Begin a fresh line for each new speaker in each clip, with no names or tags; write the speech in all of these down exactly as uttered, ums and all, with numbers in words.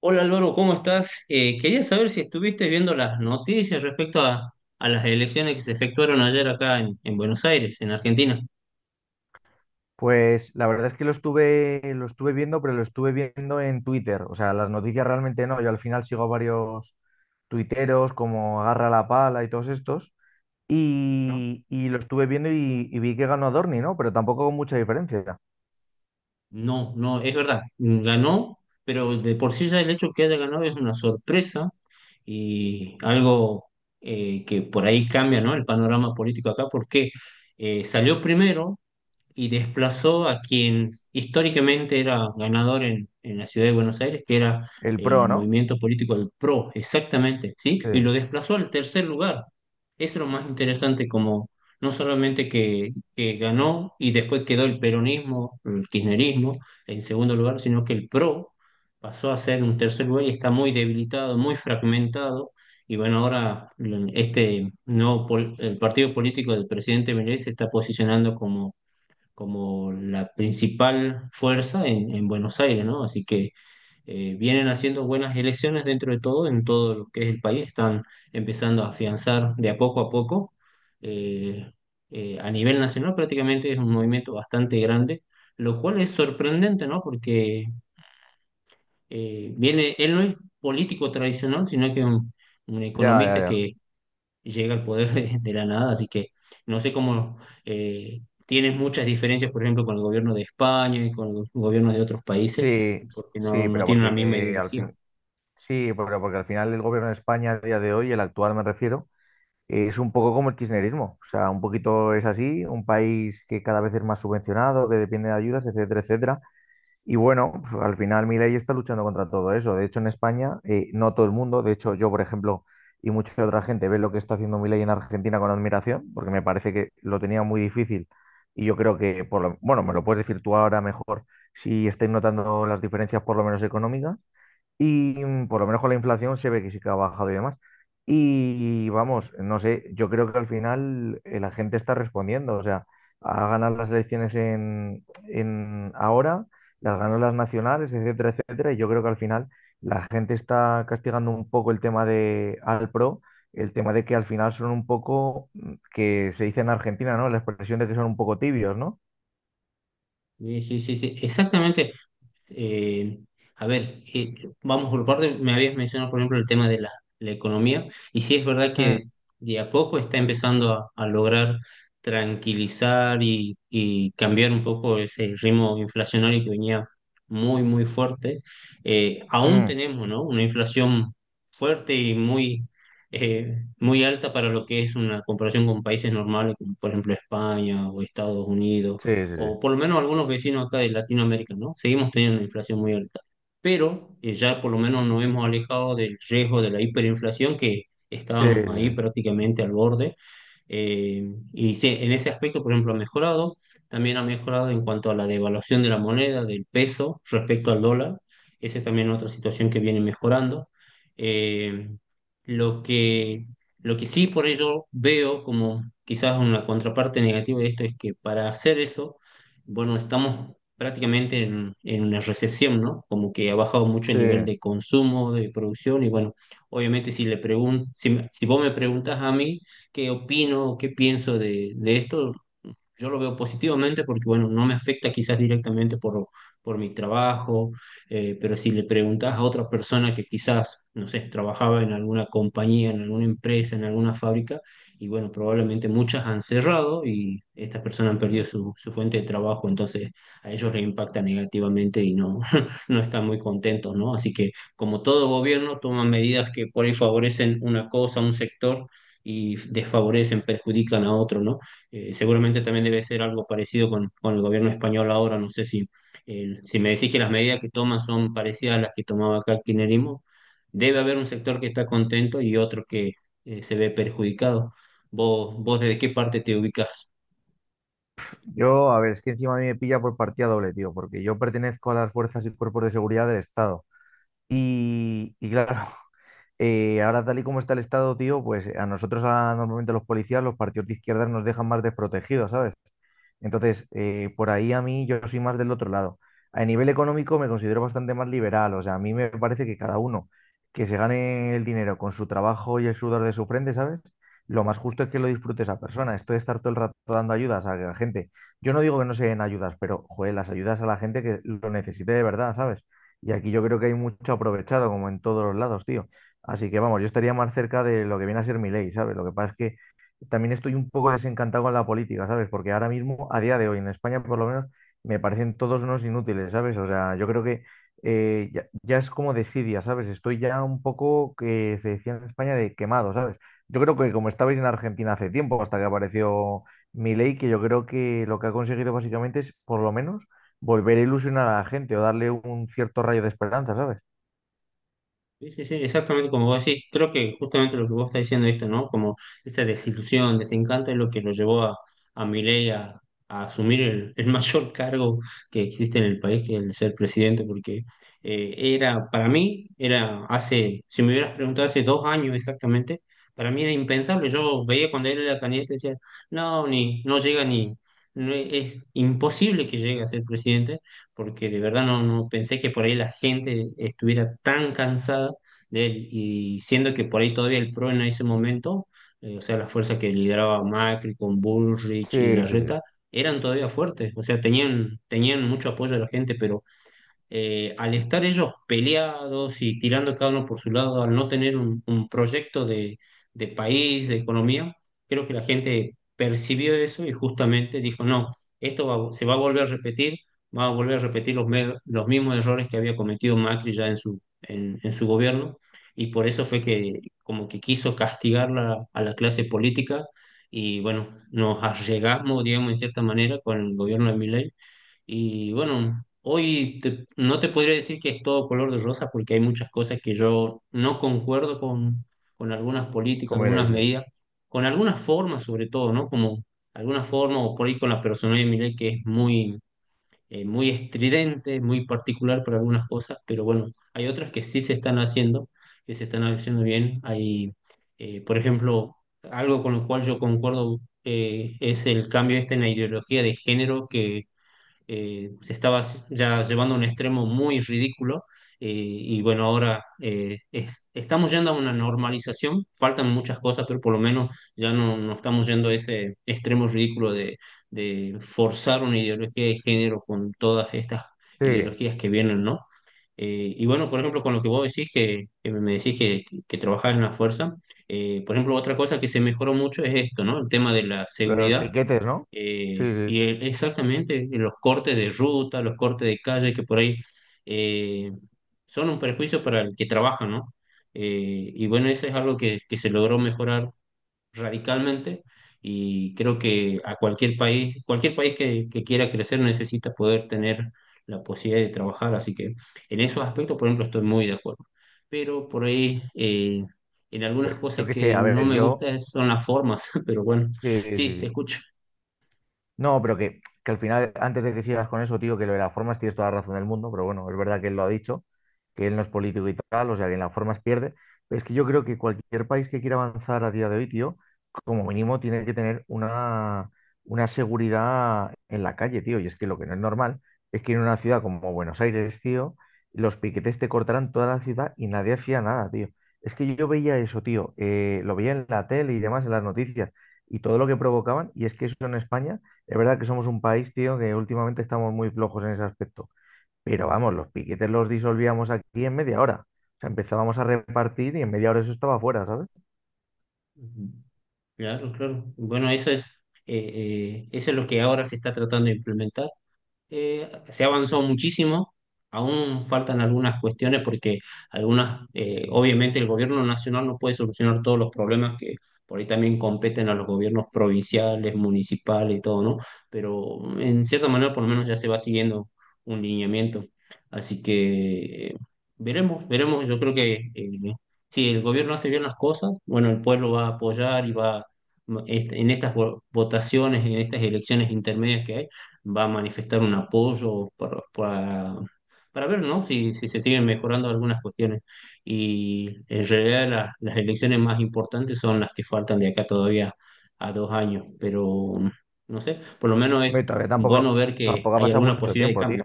Hola Álvaro, ¿cómo estás? Eh, quería saber si estuviste viendo las noticias respecto a, a las elecciones que se efectuaron ayer acá en, en Buenos Aires, en Argentina.
Pues la verdad es que lo estuve, lo estuve viendo, pero lo estuve viendo en Twitter. O sea, las noticias realmente no. Yo al final sigo a varios tuiteros como Agarra la Pala y todos estos.
¿No?
Y, y lo estuve viendo y, y vi que ganó Adorni, ¿no? Pero tampoco con mucha diferencia.
No, no, es verdad, ganó, pero de por sí ya el hecho que haya ganado es una sorpresa y algo eh, que por ahí cambia, ¿no? El panorama político acá, porque eh, salió primero y desplazó a quien históricamente era ganador en, en la ciudad de Buenos Aires, que era
El pro,
el
¿no?
movimiento político del PRO, exactamente, ¿sí?
Sí.
Y lo desplazó al tercer lugar. Eso es lo más interesante, como no solamente que, que ganó y después quedó el peronismo, el kirchnerismo en segundo lugar, sino que el PRO pasó a ser un tercer lugar y está muy debilitado, muy fragmentado. Y bueno, ahora este nuevo pol- el partido político del presidente Milei se está posicionando como como la principal fuerza en, en Buenos Aires, ¿no? Así que eh, vienen haciendo buenas elecciones dentro de todo, en todo lo que es el país, están empezando a afianzar de a poco a poco. eh, eh, a nivel nacional prácticamente es un movimiento bastante grande, lo cual es sorprendente, ¿no? Porque eh, viene, él no es político tradicional, sino que es un, un
Ya, ya,
economista
ya.
que llega al poder de, de la nada, así que no sé cómo eh, tienes muchas diferencias, por ejemplo, con el gobierno de España y con los gobiernos de otros países,
Sí,
porque no,
sí,
no
pero
tienen la misma
porque al
ideología.
fin, sí, pero porque al final el gobierno de España a día de hoy, el actual me refiero, es un poco como el kirchnerismo, o sea, un poquito es así, un país que cada vez es más subvencionado, que depende de ayudas, etcétera, etcétera. Y bueno, pues, al final Milei está luchando contra todo eso. De hecho, en España, eh, no todo el mundo, de hecho yo, por ejemplo, y mucha otra gente ve lo que está haciendo Milei en Argentina con admiración, porque me parece que lo tenía muy difícil. Y yo creo que, por lo- bueno, me lo puedes decir tú ahora mejor, si estáis notando las diferencias por lo menos económicas. Y mm, por lo menos con la inflación se ve que sí que ha bajado y demás. Y vamos, no sé, yo creo que al final eh, la gente está respondiendo. O sea, ha ganado las elecciones en, en ahora, las ganó las nacionales, etcétera, etcétera. Y yo creo que al final la gente está castigando un poco el tema de al pro, el tema de que al final son un poco, mm, que se dice en Argentina, ¿no? La expresión de que son un poco tibios, ¿no?
Sí, sí, sí, sí, exactamente. eh, a ver, eh, Vamos por parte, me habías mencionado, por ejemplo, el tema de la, la economía, y sí es verdad
Mm,
que de a poco está empezando a, a lograr tranquilizar y, y cambiar un poco ese ritmo inflacionario que venía muy, muy fuerte. Eh, aún
mm,
tenemos, ¿no? Una inflación fuerte y muy, eh, muy alta para lo que es una comparación con países normales, como por ejemplo España o Estados Unidos
sí, sí,
o por lo menos algunos vecinos acá de Latinoamérica, ¿no? Seguimos teniendo una inflación muy alta, pero eh, ya por lo menos nos hemos alejado del riesgo de la hiperinflación que
sí, sí,
estábamos
sí,
ahí
sí,
prácticamente al borde. eh, y sí, en ese aspecto, por ejemplo, ha mejorado. También ha mejorado en cuanto a la devaluación de la moneda, del peso respecto al dólar. Esa es también otra situación que viene mejorando. Eh, lo que, lo que sí por ello veo como quizás una contraparte negativa de esto es que para hacer eso, bueno, estamos prácticamente en, en una recesión, ¿no? Como que ha bajado mucho el
sí.
nivel de consumo, de producción y bueno, obviamente si le pregun si, me- si vos me preguntas a mí, qué opino, qué pienso de, de esto. Yo lo veo positivamente porque, bueno, no me afecta quizás directamente por, por mi trabajo, eh, pero si le preguntás a otra persona que quizás, no sé, trabajaba en alguna compañía, en alguna empresa, en alguna fábrica, y bueno, probablemente muchas han cerrado y estas personas han perdido su, su fuente de trabajo, entonces a ellos les impacta negativamente y no, no están muy contentos, ¿no? Así que, como todo gobierno, toman medidas que por ahí favorecen una cosa, un sector, y desfavorecen, perjudican a otro, ¿no? Eh, seguramente también debe ser algo parecido con, con el gobierno español ahora. No sé si, eh, si me decís que las medidas que toman son parecidas a las que tomaba acá el kirchnerismo, debe haber un sector que está contento y otro que eh, se ve perjudicado. ¿Vos, vos desde qué parte te ubicás?
Yo, a ver, es que encima a mí me pilla por partida doble, tío, porque yo pertenezco a las fuerzas y cuerpos de seguridad del Estado. Y, y claro, eh, ahora tal y como está el Estado, tío, pues a nosotros a- normalmente los policías, los partidos de izquierdas nos dejan más desprotegidos, ¿sabes? Entonces, eh, por ahí a mí yo soy más del otro lado. A nivel económico me considero bastante más liberal, o sea, a mí me parece que cada uno que se gane el dinero con su trabajo y el sudor de su frente, ¿sabes? Lo más justo es que lo disfrute esa persona. Esto de estar todo el rato dando ayudas a la gente. Yo no digo que no se den ayudas, pero, joder, las ayudas a la gente que lo necesite de verdad, ¿sabes? Y aquí yo creo que hay mucho aprovechado, como en todos los lados, tío. Así que vamos, yo estaría más cerca de lo que viene a ser mi ley, ¿sabes? Lo que pasa es que también estoy un poco desencantado con la política, ¿sabes? Porque ahora mismo, a día de hoy, en España por lo menos, me parecen todos unos inútiles, ¿sabes? O sea, yo creo que eh, ya, ya es como desidia, ¿sabes? Estoy ya un poco, que se decía en España, de quemado, ¿sabes? Yo creo que como estabais en Argentina hace tiempo, hasta que apareció Milei, que yo creo que lo que ha conseguido básicamente es, por lo menos, volver a ilusionar a la gente o darle un cierto rayo de esperanza, ¿sabes?
Sí, sí, sí, exactamente como vos decís. Creo que justamente lo que vos estás diciendo esto, ¿no? Como esta desilusión, desencanto es lo que lo llevó a, a Milei a, a asumir el, el mayor cargo que existe en el país, que es el de ser presidente, porque eh, era, para mí, era hace, si me hubieras preguntado hace dos años exactamente, para mí era impensable. Yo veía cuando él era candidato y decía, no, ni, no llega ni, no, es imposible que llegue a ser presidente porque de verdad no, no pensé que por ahí la gente estuviera tan cansada de él, y siendo que por ahí todavía el PRO en ese momento, eh, o sea, las fuerzas que lideraba Macri con Bullrich y
Sí, sí, sí,
Larreta, eran todavía fuertes, o sea, tenían, tenían mucho apoyo de la gente, pero eh, al estar ellos peleados y tirando cada uno por su lado, al no tener un, un proyecto de, de país, de economía, creo que la gente percibió eso y justamente dijo, no, esto va- se va a volver a repetir, va a volver a repetir los, me- los mismos errores que había cometido Macri ya en su, en, en su gobierno. Y por eso fue que como que quiso castigar la- a la clase política y bueno, nos allegamos, digamos, en cierta manera con el gobierno de Milei y bueno, hoy te- no te podría decir que es todo color de rosa porque hay muchas cosas que yo no concuerdo con, con algunas políticas,
como
algunas
Milei, sí.
medidas, con algunas formas sobre todo, ¿no? Como alguna forma o por ahí con la personalidad de Milei que es muy, eh, muy estridente, muy particular para algunas cosas, pero bueno, hay otras que sí se están haciendo, que se están haciendo bien. Hay, eh, por ejemplo, algo con lo cual yo concuerdo eh, es el cambio este en la ideología de género que eh, se estaba ya llevando a un extremo muy ridículo. Eh, y bueno, ahora eh, es- estamos yendo a una normalización, faltan muchas cosas, pero por lo menos ya no, no estamos yendo a ese extremo ridículo de, de forzar una ideología de género con todas estas
Sí,
ideologías que vienen, ¿no? Eh, y bueno, por ejemplo, con lo que vos decís, que, que me decís que, que trabajás en la fuerza, eh, por ejemplo, otra cosa que se mejoró mucho es esto, ¿no? El tema de la
lo de los
seguridad
piquetes, ¿no? Sí,
eh, y
sí.
el- exactamente, en los cortes de ruta, los cortes de calle que por ahí eh, son un perjuicio para el que trabaja, ¿no? Eh, y bueno, eso es algo que, que se logró mejorar radicalmente y creo que a cualquier país, cualquier país que, que quiera crecer necesita poder tener la posibilidad de trabajar, así que en esos aspectos, por ejemplo, estoy muy de acuerdo. Pero por ahí, eh, en algunas
Pero yo
cosas
qué sé,
que
a
no
ver,
me
yo,
gustan son las formas, pero bueno,
sí, sí,
sí, te
sí.
escucho.
No, pero que, que al final, antes de que sigas con eso, tío, que lo de las formas tienes toda la razón del mundo, pero bueno, es verdad que él lo ha dicho, que él no es político y tal, o sea, que en las formas pierde. Pero es que yo creo que cualquier país que quiera avanzar a día de hoy, tío, como mínimo tiene que tener una, una seguridad en la calle, tío. Y es que lo que no es normal es que en una ciudad como Buenos Aires, tío, los piquetes te cortaran toda la ciudad y nadie hacía nada, tío. Es que yo veía eso, tío, eh, lo veía en la tele y demás, en las noticias, y todo lo que provocaban, y es que eso en España es verdad que somos un país, tío, que últimamente estamos muy flojos en ese aspecto. Pero vamos, los piquetes los disolvíamos aquí en media hora. O sea, empezábamos a repartir y en media hora eso estaba fuera, ¿sabes?
Ujú. Claro, claro. Bueno, eso es, eh, eh, eso es lo que ahora se está tratando de implementar. Eh, se ha avanzado muchísimo, aún faltan algunas cuestiones porque algunas, eh, obviamente el gobierno nacional no puede solucionar todos los problemas que por ahí también competen a los gobiernos provinciales, municipales y todo, ¿no? Pero en cierta manera por lo menos ya se va siguiendo un lineamiento. Así que eh, veremos, veremos, yo creo que eh, si el gobierno hace bien las cosas, bueno, el pueblo va a apoyar y va... este, En estas vo- votaciones, en estas elecciones intermedias que hay, va a manifestar un apoyo para, para, para ver, ¿no? Si, si se siguen mejorando algunas cuestiones. Y en realidad las, las elecciones más importantes son las que faltan de acá todavía a dos años, pero no sé, por lo menos
Me
es
todavía tampoco,
bueno ver que
tampoco ha
hay
pasado
alguna
mucho
posibilidad de
tiempo, tío.
cambio.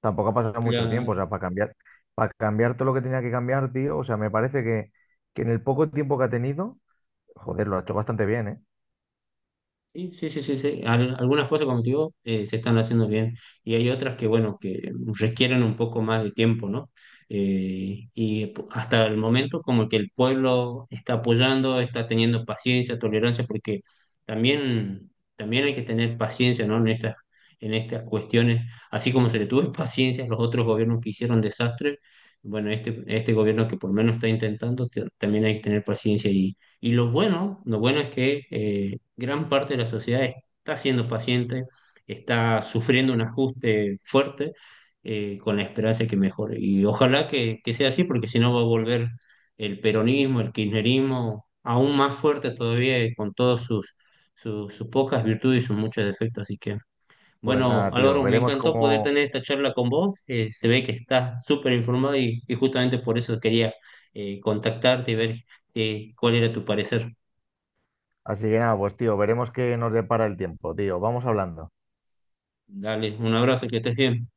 Tampoco ha pasado mucho tiempo. O sea,
Claro.
para cambiar, para cambiar todo lo que tenía que cambiar, tío. O sea, me parece que, que en el poco tiempo que ha tenido, joder, lo ha hecho bastante bien, ¿eh?
Sí, sí, sí, sí, sí. Al- algunas cosas, como te digo, eh, se están haciendo bien y hay otras que, bueno, que requieren un poco más de tiempo, ¿no? Eh, y p- hasta el momento como que el pueblo está apoyando, está teniendo paciencia, tolerancia, porque también, también hay que tener paciencia, ¿no? En estas, en estas cuestiones, así como se le tuvo paciencia a los otros gobiernos que hicieron desastres, bueno, este, este gobierno que por lo menos está intentando, te- también hay que tener paciencia y lo bueno, lo bueno es que eh, gran parte de la sociedad está siendo paciente, está sufriendo un ajuste fuerte eh, con la esperanza de que mejore. Y ojalá que, que sea así, porque si no va a volver el peronismo, el kirchnerismo, aún más fuerte todavía eh, con todos sus, sus, sus pocas virtudes y sus muchos defectos. Así que
Pues
bueno,
nada, tío,
Álvaro, me
veremos
encantó poder
cómo.
tener esta charla con vos. Eh, se ve que estás súper informado y, y justamente por eso quería eh, contactarte y ver eh, cuál era tu parecer.
Así que nada, pues tío, veremos qué nos depara el tiempo, tío. Vamos hablando.
Dale, un abrazo, que estés bien.